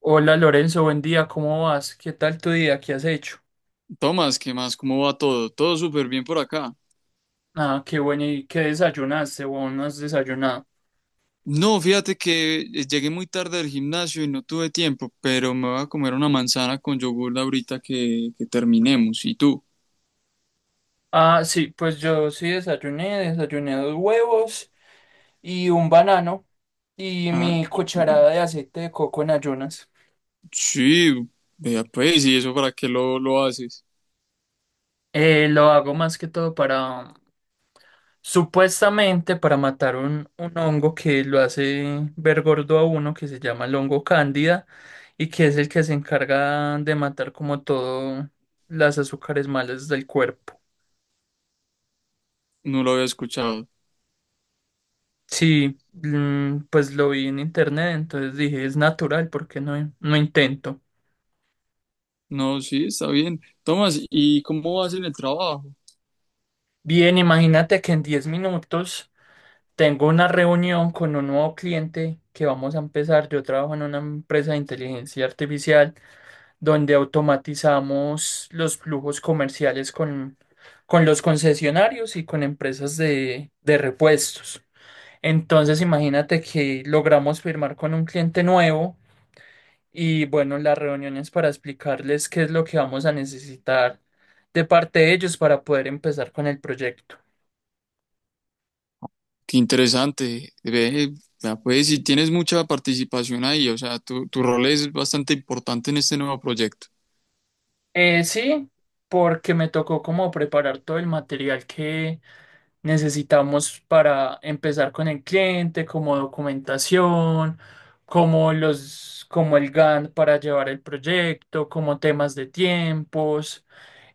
Hola Lorenzo, buen día, ¿cómo vas? ¿Qué tal tu día? ¿Qué has hecho? Tomás, ¿qué más? ¿Cómo va todo? Todo súper bien por acá. Ah, qué bueno, ¿y qué desayunaste o no has desayunado? No, fíjate que llegué muy tarde del gimnasio y no tuve tiempo, pero me voy a comer una manzana con yogur ahorita que terminemos. ¿Y tú? Ah, sí, pues yo sí desayuné, desayuné dos huevos y un banano y Ah, mi súper bien. cucharada de aceite de coco en ayunas. Sí, vea pues, ¿y eso para qué lo haces? Lo hago más que todo, para Supuestamente, para matar un hongo que lo hace ver gordo a uno, que se llama el hongo cándida, y que es el que se encarga de matar como todo las azúcares malas del cuerpo. No lo había escuchado. Sí, pues lo vi en internet, entonces dije, es natural, ¿porque no, no intento? No, sí, está bien. Tomás, ¿y cómo vas en el trabajo? Bien, imagínate que en 10 minutos tengo una reunión con un nuevo cliente que vamos a empezar. Yo trabajo en una empresa de inteligencia artificial, donde automatizamos los flujos comerciales con los concesionarios y con empresas de repuestos. Entonces, imagínate que logramos firmar con un cliente nuevo y bueno, las reuniones para explicarles qué es lo que vamos a necesitar de parte de ellos para poder empezar con el proyecto. Qué interesante. Ve, vea pues, si tienes mucha participación ahí, o sea, tu rol es bastante importante en este nuevo proyecto. Sí, porque me tocó como preparar todo el material que necesitamos para empezar con el cliente, como documentación, como los, como el Gantt para llevar el proyecto, como temas de tiempos.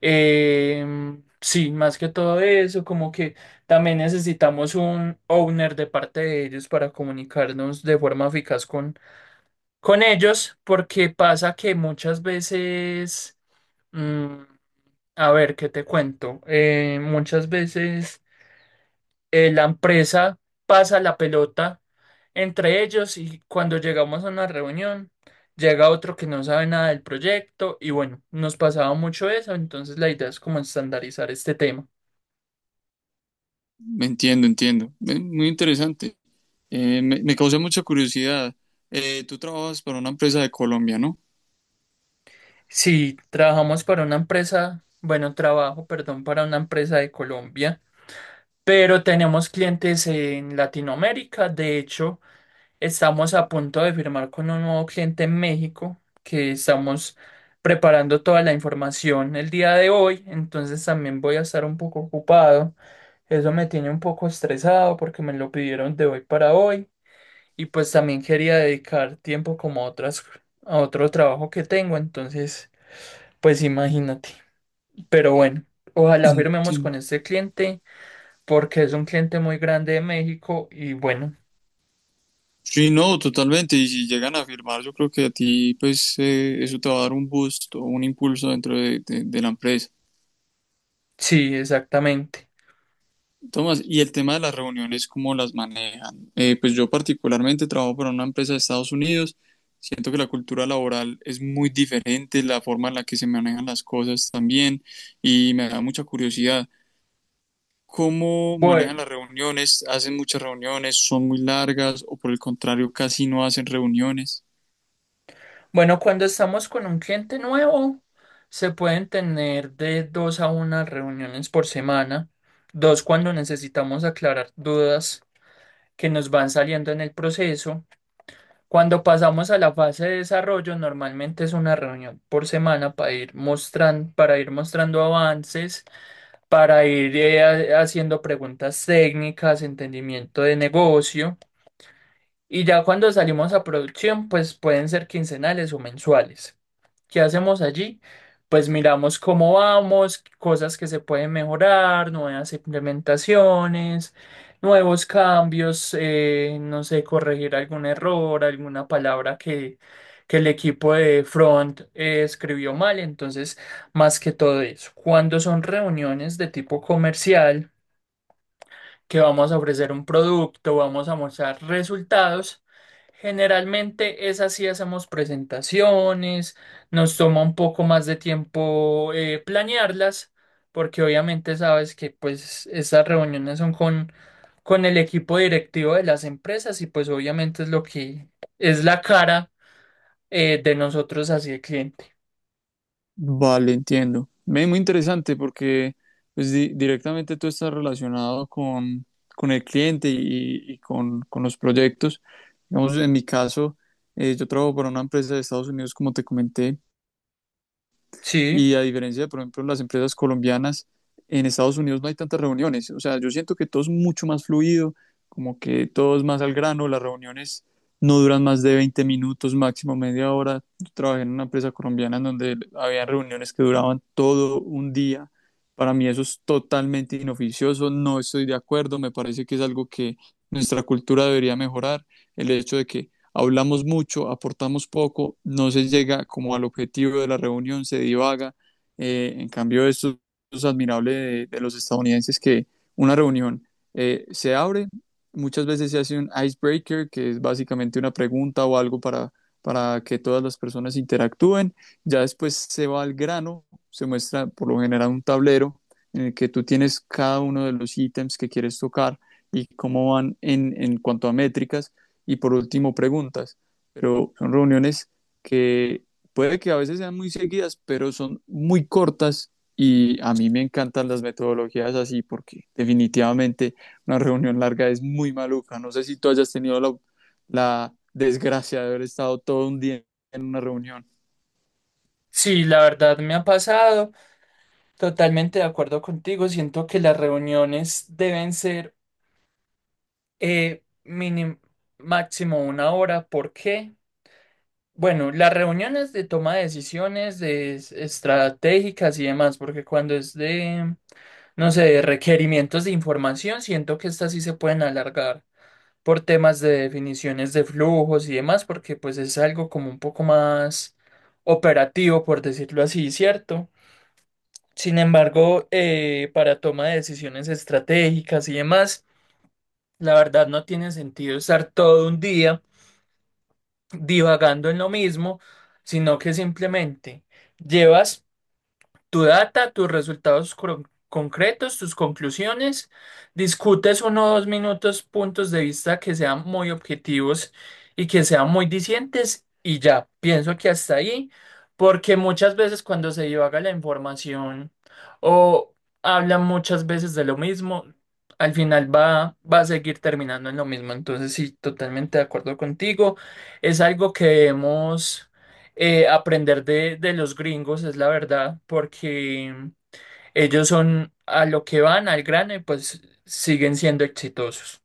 Sí, más que todo eso, como que también necesitamos un owner de parte de ellos para comunicarnos de forma eficaz con ellos, porque pasa que muchas veces, mm, a ver, ¿qué te cuento? Muchas veces la empresa pasa la pelota entre ellos y cuando llegamos a una reunión, llega otro que no sabe nada del proyecto y bueno, nos pasaba mucho eso, entonces la idea es como estandarizar este tema. Entiendo, entiendo. Muy interesante. Me causa mucha curiosidad. Tú trabajas para una empresa de Colombia, ¿no? Si trabajamos para una empresa, bueno, trabajo, perdón, para una empresa de Colombia, pero tenemos clientes en Latinoamérica, de hecho. Estamos a punto de firmar con un nuevo cliente en México, que estamos preparando toda la información el día de hoy, entonces también voy a estar un poco ocupado. Eso me tiene un poco estresado porque me lo pidieron de hoy para hoy y pues también quería dedicar tiempo como a otras a otro trabajo que tengo, entonces pues imagínate. Pero bueno, ojalá firmemos con Entiendo. este cliente porque es un cliente muy grande de México y bueno, Sí, no, totalmente. Y si llegan a firmar, yo creo que a ti, pues, eso te va a dar un boost o un impulso dentro de, de la empresa. sí, exactamente. Tomás, y el tema de las reuniones, ¿cómo las manejan? Pues yo particularmente trabajo para una empresa de Estados Unidos. Siento que la cultura laboral es muy diferente, la forma en la que se manejan las cosas también, y me da mucha curiosidad, cómo manejan Bueno. las reuniones, hacen muchas reuniones, son muy largas o por el contrario casi no hacen reuniones. Bueno, cuando estamos con un cliente nuevo, se pueden tener de dos a unas reuniones por semana, dos cuando necesitamos aclarar dudas que nos van saliendo en el proceso. Cuando pasamos a la fase de desarrollo, normalmente es una reunión por semana para ir mostrando, avances, para ir haciendo preguntas técnicas, entendimiento de negocio. Y ya cuando salimos a producción, pues pueden ser quincenales o mensuales. ¿Qué hacemos allí? Pues miramos cómo vamos, cosas que se pueden mejorar, nuevas implementaciones, nuevos cambios, no sé, corregir algún error, alguna palabra que el equipo de front escribió mal. Entonces, más que todo eso, cuando son reuniones de tipo comercial, que vamos a ofrecer un producto, vamos a mostrar resultados. Generalmente es así, hacemos presentaciones, nos toma un poco más de tiempo planearlas, porque obviamente sabes que pues estas reuniones son con el equipo directivo de las empresas y pues obviamente es lo que es la cara de nosotros hacia el cliente. Vale, entiendo. Me muy interesante porque pues directamente tú estás relacionado con el cliente y con los proyectos. Digamos, en mi caso, yo trabajo para una empresa de Estados Unidos, como te comenté. Sí, Y a diferencia de, por ejemplo, las empresas colombianas, en Estados Unidos no hay tantas reuniones. O sea, yo siento que todo es mucho más fluido, como que todo es más al grano, las reuniones no duran más de 20 minutos, máximo media hora. Yo trabajé en una empresa colombiana en donde había reuniones que duraban todo un día. Para mí eso es totalmente inoficioso, no estoy de acuerdo, me parece que es algo que nuestra cultura debería mejorar, el hecho de que hablamos mucho, aportamos poco, no se llega como al objetivo de la reunión, se divaga. En cambio, esto es admirable de los estadounidenses que una reunión se abre, muchas veces se hace un icebreaker, que es básicamente una pregunta o algo para que todas las personas interactúen, ya después se va al grano, se muestra por lo general un tablero en el que tú tienes cada uno de los ítems que quieres tocar y cómo van en cuanto a métricas y por último preguntas. Pero son reuniones que puede que a veces sean muy seguidas, pero son muy cortas y a mí me encantan las metodologías así porque definitivamente una reunión larga es muy maluca. No sé si tú hayas tenido la, la desgracia de haber estado todo un día en una reunión. sí, la verdad me ha pasado, totalmente de acuerdo contigo, siento que las reuniones deben ser mínimo, máximo una hora. ¿Por qué? Bueno, las reuniones de toma de decisiones de estratégicas y demás, porque cuando es de, no sé, de requerimientos de información, siento que estas sí se pueden alargar por temas de definiciones de flujos y demás, porque pues es algo como un poco más operativo, por decirlo así, ¿cierto? Sin embargo, para toma de decisiones estratégicas y demás, la verdad no tiene sentido estar todo un día divagando en lo mismo, sino que simplemente llevas tu data, tus resultados concretos, tus conclusiones. Discutes 1 o 2 minutos puntos de vista que sean muy objetivos y que sean muy dicientes y ya, pienso que hasta ahí, porque muchas veces cuando se divaga la información o hablan muchas veces de lo mismo, al final va a seguir terminando en lo mismo. Entonces, sí, totalmente de acuerdo contigo. Es algo que debemos aprender de los gringos, es la verdad, porque ellos son a lo que van, al grano, y pues siguen siendo exitosos.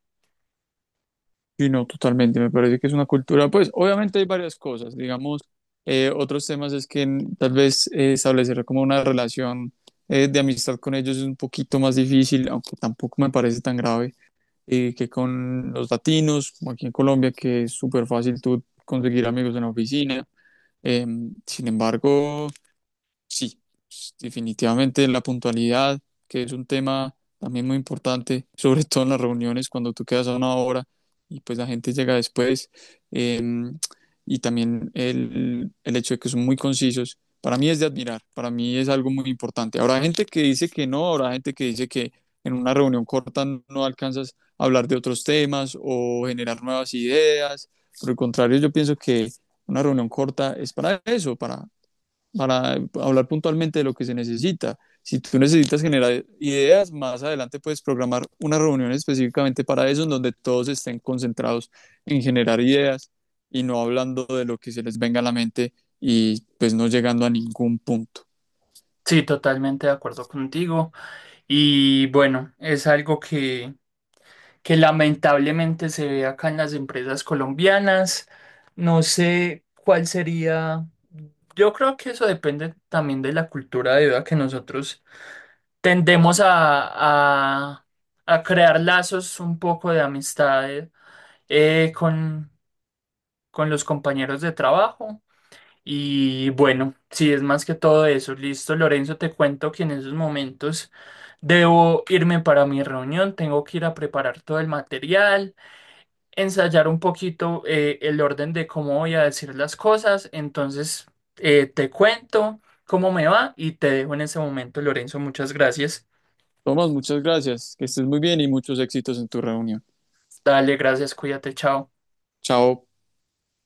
Sí, no, totalmente. Me parece que es una cultura. Pues obviamente hay varias cosas. Digamos, otros temas es que tal vez establecer como una relación de amistad con ellos es un poquito más difícil, aunque tampoco me parece tan grave que con los latinos, como aquí en Colombia, que es súper fácil tú conseguir amigos en la oficina. Em, sin embargo, sí, pues, definitivamente la puntualidad, que es un tema también muy importante, sobre todo en las reuniones, cuando tú quedas a una hora y pues la gente llega después. eh, y también el hecho de que son muy concisos, para mí es de admirar, para mí es algo muy importante. Habrá gente que dice que no, habrá gente que dice que en una reunión corta no alcanzas a hablar de otros temas o generar nuevas ideas. Por el contrario, yo pienso que una reunión corta es para eso, para hablar puntualmente de lo que se necesita. Si tú necesitas generar ideas, más adelante puedes programar una reunión específicamente para eso, en donde todos estén concentrados en generar ideas y no hablando de lo que se les venga a la mente y pues no llegando a ningún punto. Sí, totalmente de acuerdo contigo. Y bueno, es algo que lamentablemente se ve acá en las empresas colombianas. No sé cuál sería. Yo creo que eso depende también de la cultura debido a que nosotros tendemos a crear lazos un poco de amistad eh, con, con los compañeros de trabajo. Y bueno, sí, es más que todo eso. Listo, Lorenzo, te cuento que en esos momentos debo irme para mi reunión, tengo que ir a preparar todo el material, ensayar un poquito el orden de cómo voy a decir las cosas. Entonces, te cuento cómo me va y te dejo en ese momento, Lorenzo. Muchas gracias. Tomás, muchas gracias, que estés muy bien y muchos éxitos en tu reunión. Dale, gracias, cuídate, chao. Chao.